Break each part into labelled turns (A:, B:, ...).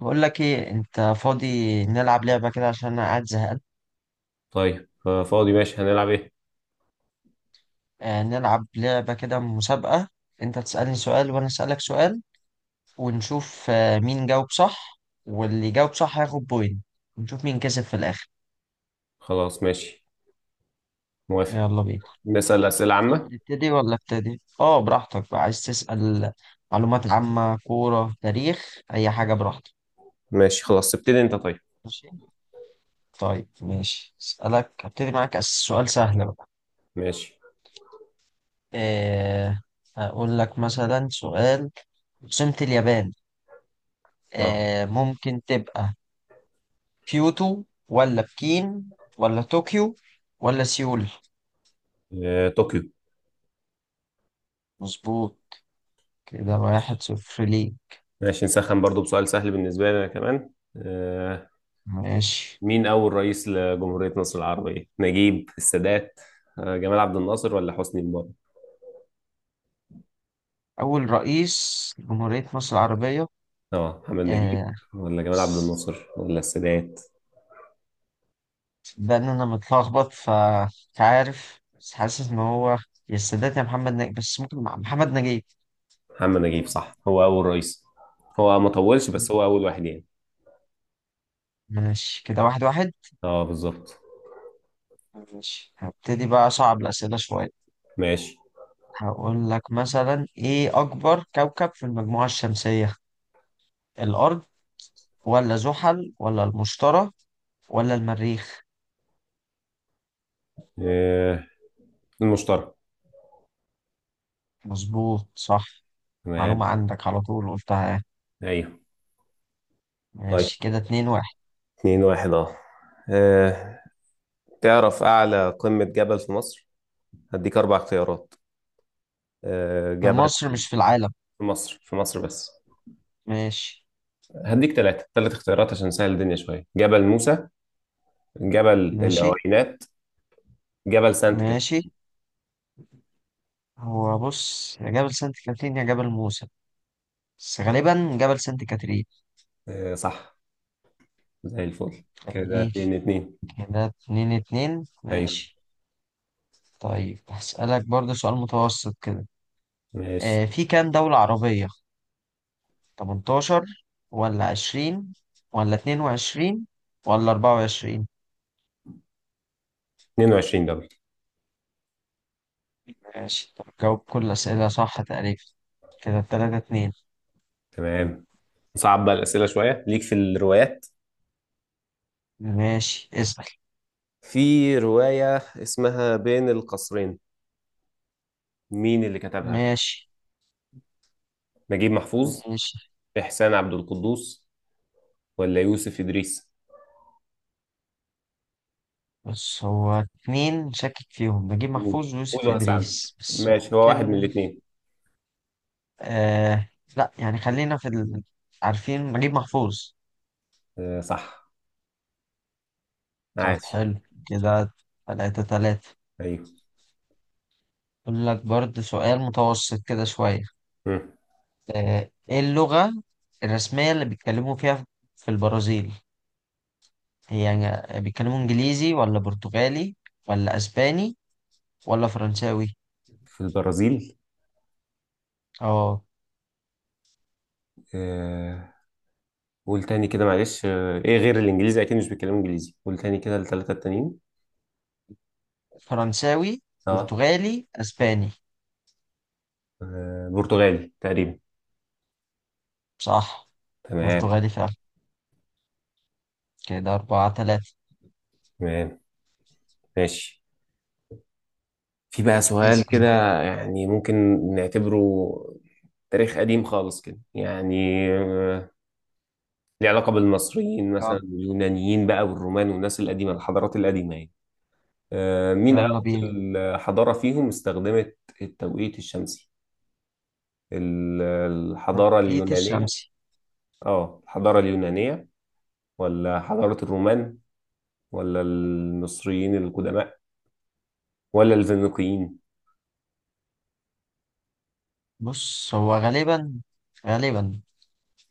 A: بقول لك ايه انت فاضي. نلعب لعبة كده عشان انا قاعد زهقان.
B: طيب، فاضي ماشي، هنلعب ايه؟
A: آه نلعب لعبة كده مسابقة. انت تسألني سؤال وانا أسألك سؤال، ونشوف آه مين جاوب صح، واللي يجاوب صح هياخد بوينت، ونشوف مين كسب في الاخر.
B: خلاص، ماشي، موافق.
A: يلا بينا.
B: نسأل أسئلة عامة.
A: تبتدي ولا ابتدي؟ اه براحتك بقى، عايز تسأل معلومات عامة، كورة، تاريخ، اي حاجة براحتك.
B: ماشي، خلاص، ابتدي انت، طيب.
A: ماشي. طيب ماشي اسألك، ابتدي معاك سؤال سهل بقى.
B: ماشي.
A: آه هقول لك مثلا سؤال: عاصمة اليابان؟
B: اه.
A: آه ممكن تبقى كيوتو، ولا بكين، ولا طوكيو، ولا سيول.
B: آه، طوكيو.
A: مظبوط. كده واحد صفر ليه.
B: ماشي، نسخن برضو بسؤال سهل بالنسبة لي أنا كمان. آه.
A: ماشي.
B: مين أول رئيس لجمهورية مصر العربية؟ نجيب؟ السادات؟ آه. جمال عبد الناصر ولا حسني مبارك؟
A: أول رئيس جمهورية مصر العربية؟
B: اه، محمد نجيب
A: آه
B: ولا جمال عبد الناصر ولا السادات؟
A: ده إن أنا متلخبط فمش عارف، بس حاسس إن هو يا السادات يا محمد نجيب، بس ممكن مع محمد نجيب.
B: محمد نجيب صح، هو أول رئيس. هو ما طولش، بس هو أول واحد يعني.
A: ماشي كده واحد واحد.
B: اه، بالظبط.
A: ماشي هبتدي بقى أصعب الأسئلة شوية.
B: ماشي.
A: هقول لك مثلا: إيه أكبر كوكب في المجموعة الشمسية؟ الأرض، ولا زحل، ولا المشتري، ولا المريخ؟
B: آه. المشترك.
A: مظبوط صح. معلومة عندك على طول قلتها يعني.
B: ايوه. طيب،
A: ماشي كده اتنين واحد.
B: اتنين واحد. اه. آه، تعرف أعلى قمة جبل في مصر؟ هديك أربع اختيارات.
A: في
B: جبل
A: مصر مش في العالم.
B: في مصر، في مصر بس.
A: ماشي.
B: هديك ثلاث اختيارات عشان نسهل الدنيا شوية: جبل موسى، جبل
A: ماشي.
B: العوينات، جبل سانت
A: ماشي.
B: كاترين.
A: هو بص يا جبل سانت كاترين يا جبل موسى، بس غالبا جبل سانت كاترين.
B: آه، صح. زي الفل، كده
A: يعني
B: اتنين اتنين.
A: كده اتنين اتنين
B: أيوه.
A: ماشي. طيب هسألك برضه سؤال متوسط كده.
B: ماشي،
A: آه في كام دولة عربية؟ 18 ولا 20 ولا 22 ولا 24؟
B: 22 دبل.
A: ماشي طب جاوب كل الأسئلة صح تقريبا. كده التلاتة اتنين.
B: تمام، نصعب بقى الأسئلة شوية. ليك في الروايات؟
A: ماشي اسأل.
B: في رواية اسمها بين القصرين، مين اللي كتبها؟
A: ماشي.
B: نجيب محفوظ،
A: ماشي.
B: إحسان عبد القدوس، ولا يوسف إدريس؟
A: بس هو اتنين شاكك فيهم، نجيب
B: قول
A: محفوظ
B: قول
A: ويوسف
B: وهساعدك،
A: إدريس، بس
B: ماشي، هو واحد من
A: ممكن
B: الاثنين.
A: آه، لا يعني خلينا في عارفين نجيب محفوظ.
B: آه، صح.
A: طب
B: عاش.
A: حلو كده. تلاتة تلاتة.
B: أيوه.
A: أقول لك برضه سؤال متوسط كده شوية.
B: مم.
A: آه، ايه اللغة الرسمية اللي بيتكلموا فيها في البرازيل؟ هي يعني بيتكلموا انجليزي، ولا برتغالي، ولا اسباني، ولا فرنساوي؟
B: في البرازيل؟
A: اه
B: آه. قول تاني كده معلش، إيه غير الإنجليزي، أكيد مش بيتكلموا إنجليزي، قول تاني كده الثلاثة التانيين.
A: فرنساوي،
B: أه.
A: برتغالي، اسباني.
B: برتغالي تقريبا.
A: صح،
B: تمام.
A: برتغالي فعلا. كده أربعة تلاتة.
B: تمام، ماشي. في بقى سؤال
A: اسأل
B: كده،
A: بقى.
B: يعني ممكن نعتبره تاريخ قديم خالص كده، يعني آه، ليه علاقة بالمصريين
A: يلا
B: مثلا، واليونانيين بقى والرومان والناس القديمة، الحضارات القديمة يعني. مين
A: يلا بينا.
B: أول حضارة فيهم استخدمت التوقيت الشمسي؟ الحضارة
A: توقيت
B: اليونانية؟
A: الشمسي.
B: اه، الحضارة اليونانية، ولا حضارة الرومان، ولا المصريين القدماء، ولا الفينيقيين؟
A: بص هو غالبا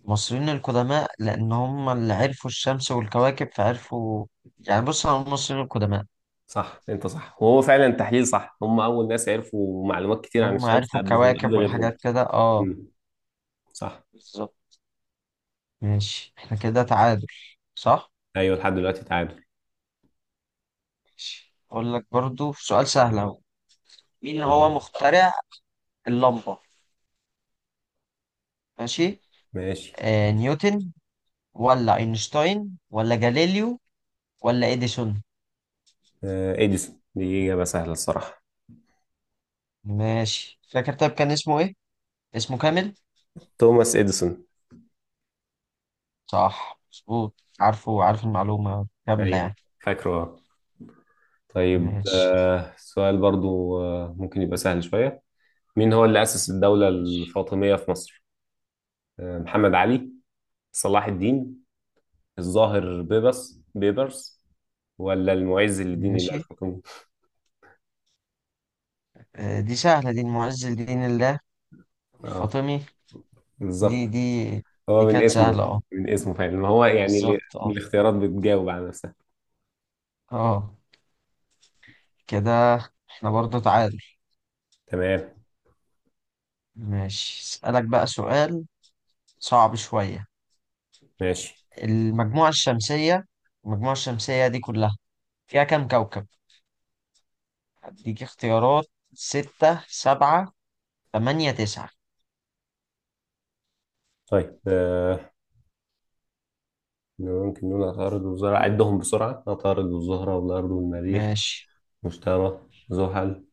A: المصريين القدماء، لأن هم اللي عرفوا الشمس والكواكب فعرفوا يعني، بص على المصريين القدماء.
B: صح، انت صح، وهو فعلا تحليل صح، هم أول ناس عرفوا معلومات كتير عن
A: هم
B: الشمس
A: عرفوا
B: قبلهم، قبل
A: الكواكب والحاجات
B: غيرهم.
A: كده اه.
B: مم. صح.
A: بالظبط. ماشي احنا كده تعادل. صح.
B: ايوه، لحد دلوقتي تعادل.
A: ماشي اقول لك برضو سؤال سهل اهو. مين هو
B: تمام،
A: مخترع اللمبة؟ ماشي.
B: ماشي.
A: آه نيوتن، ولا اينشتاين، ولا جاليليو، ولا اديسون؟
B: إديسون، دي إجابة سهلة الصراحة.
A: ماشي فاكر طيب كان اسمه ايه، اسمه كامل؟
B: توماس إديسون.
A: صح مظبوط. عارفه، عارف المعلومة كاملة
B: أيوه،
A: يعني.
B: فاكره. آه. طيب،
A: ماشي.
B: سؤال برضو ممكن يبقى سهل شوية. مين هو اللي أسس الدولة
A: ماشي.
B: الفاطمية في مصر؟ محمد علي، صلاح الدين، الظاهر بيبرس، ولا المعز لدين الله
A: ماشي
B: الحكيم؟
A: آه دي سهلة، دي المعز لدين الله
B: اه،
A: الفاطمي. دي
B: بالظبط.
A: دي دي
B: هو من
A: كانت
B: اسمه،
A: سهلة اه.
B: من اسمه فعلا، ما هو يعني
A: بالظبط اه.
B: الاختيارات بتجاوب على نفسها.
A: اه كده احنا برضه تعادل.
B: تمام،
A: ماشي اسألك بقى سؤال صعب شوية.
B: ماشي،
A: المجموعة الشمسية، المجموعة الشمسية دي كلها فيها كام كوكب؟ اديك اختيارات: ستة، سبعة، تمانية، تسعة.
B: طيب. يمكنون عطارد والزهرة، عدهم بسرعة: عطارد والزهرة والأرض والمريخ،
A: ماشي.
B: مشتري، زحل،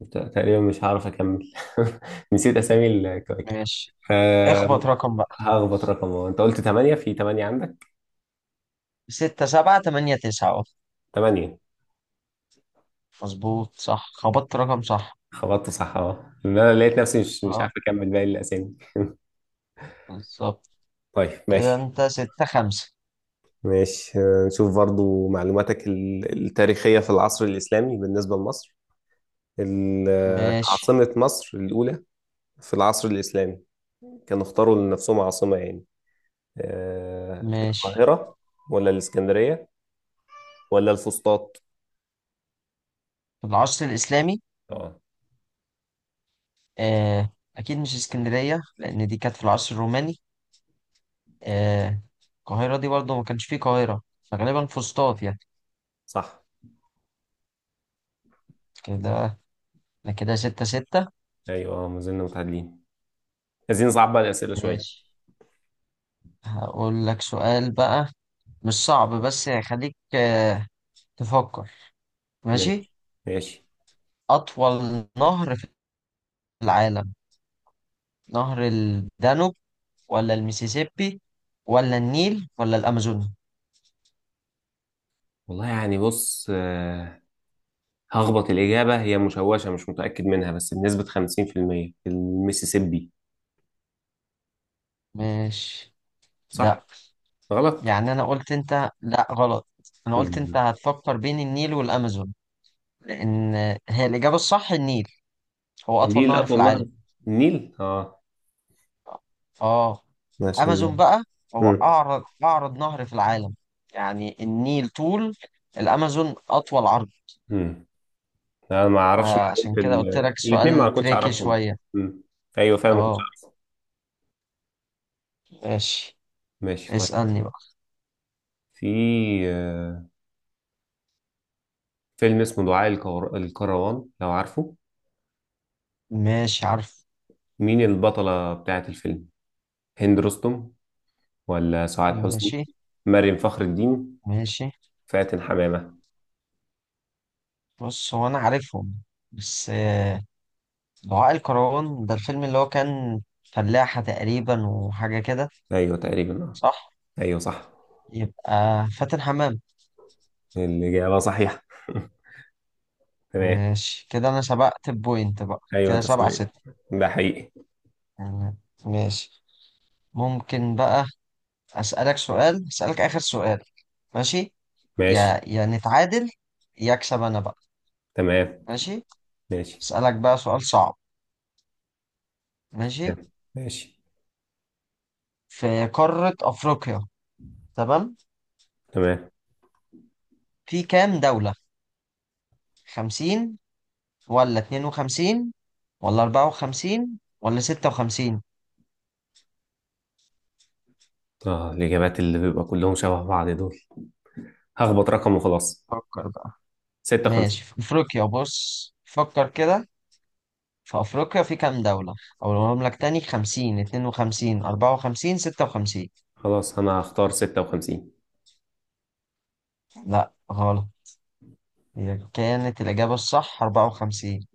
B: تقريبا مش هعرف أكمل نسيت أسامي الكواكب.
A: ماشي اخبط
B: آه،
A: رقم بقى.
B: هخبط رقم واحد. أنت قلت تمانية، في تمانية عندك.
A: ستة سبعة تمانية تسعة اه.
B: تمانية.
A: مظبوط صح، خبطت رقم صح.
B: خبطت صح، أه إن أنا لقيت نفسي مش عارف
A: اه
B: أكمل باقي الأسامي.
A: بالظبط.
B: طيب،
A: كده
B: ماشي.
A: انت ستة خمسة.
B: ماشي، نشوف برضو معلوماتك التاريخية في العصر الإسلامي بالنسبة لمصر.
A: ماشي.
B: عاصمة مصر الأولى في العصر الإسلامي، كانوا اختاروا لنفسهم عاصمة يعني
A: ماشي
B: القاهرة، ولا الإسكندرية، ولا الفسطاط؟
A: في العصر الإسلامي.
B: اه،
A: آه، أكيد مش اسكندرية لأن دي كانت في العصر الروماني. آه، القاهرة دي برضه ما كانش فيه قاهرة، فغالبا فسطاط يعني.
B: صح.
A: كده أنا كده ستة ستة.
B: ايوه، ما زلنا متعادلين. عايزين نصعب بقى الأسئلة شوية.
A: ماشي هقول لك سؤال بقى، مش صعب بس هيخليك آه، تفكر. ماشي.
B: ماشي، ماشي،
A: أطول نهر في العالم، نهر الدانوب، ولا الميسيسيبي، ولا النيل، ولا الأمازون؟
B: والله. يعني بص، هخبط. الإجابة هي مشوشة، مش متأكد منها، بس بنسبة 50% المسيسيبي.
A: ماشي.
B: صح؟
A: لا
B: غلط.
A: يعني أنا قلت، أنت لا غلط. أنا قلت أنت
B: مم.
A: هتفكر بين النيل والأمازون، لأن هي الإجابة الصح النيل، هو أطول
B: النيل
A: نهر في
B: أطول
A: العالم.
B: نهر، النيل. اه.
A: آه
B: ماشي.
A: الأمازون
B: مم.
A: بقى هو أعرض، أعرض نهر في العالم. يعني النيل طول، الأمازون أطول عرض.
B: مم. انا ما اعرفش
A: فعشان
B: معلومة.
A: كده قلت لك
B: الاثنين
A: سؤال
B: ما كنتش
A: تريكي
B: اعرفهم.
A: شوية.
B: مم. ايوه، فعلا ما كنتش
A: آه
B: اعرفهم.
A: ماشي.
B: ماشي، طيب.
A: اسألني بقى.
B: في آه، فيلم اسمه دعاء الكروان، لو عارفه.
A: ماشي عارف.
B: مين البطلة بتاعة الفيلم؟ هند رستم، ولا سعاد
A: ماشي.
B: حسني، مريم فخر الدين،
A: ماشي
B: فاتن حمامة؟
A: بص هو أنا عارفهم بس آه، دعاء الكروان ده الفيلم اللي هو كان فلاحة تقريبا وحاجة كده.
B: ايوه، تقريبا. آه.
A: صح.
B: ايوه، صح.
A: يبقى فاتن حمام.
B: الإجابة صحيحة تمام.
A: ماشي كده انا سبقت بوينت بقى،
B: ايوه،
A: كده
B: انت
A: سبعة
B: صحيح،
A: ستة.
B: ده حقيقي.
A: تمام. ماشي ممكن بقى اسألك اخر سؤال. ماشي.
B: ماشي،
A: يا نتعادل، يا اكسب انا بقى.
B: تمام،
A: ماشي.
B: ماشي.
A: اسألك بقى سؤال صعب. ماشي.
B: تمام. ماشي.
A: في قارة افريقيا، تمام،
B: تمام.
A: في كام دولة؟ خمسين، ولا اتنين وخمسين، ولا اربعة وخمسين، ولا ستة وخمسين؟
B: اه، الإجابات اللي بيبقى كلهم شبه بعض دول، هخبط رقم وخلاص.
A: فكر بقى.
B: 56.
A: ماشي في افريقيا بص فكر كده، في أفريقيا في كام دولة؟ أقولهم لك تاني: 50، 52، 54، 56.
B: خلاص، أنا هختار 56.
A: لا غلط. هي كانت الإجابة الصح 54.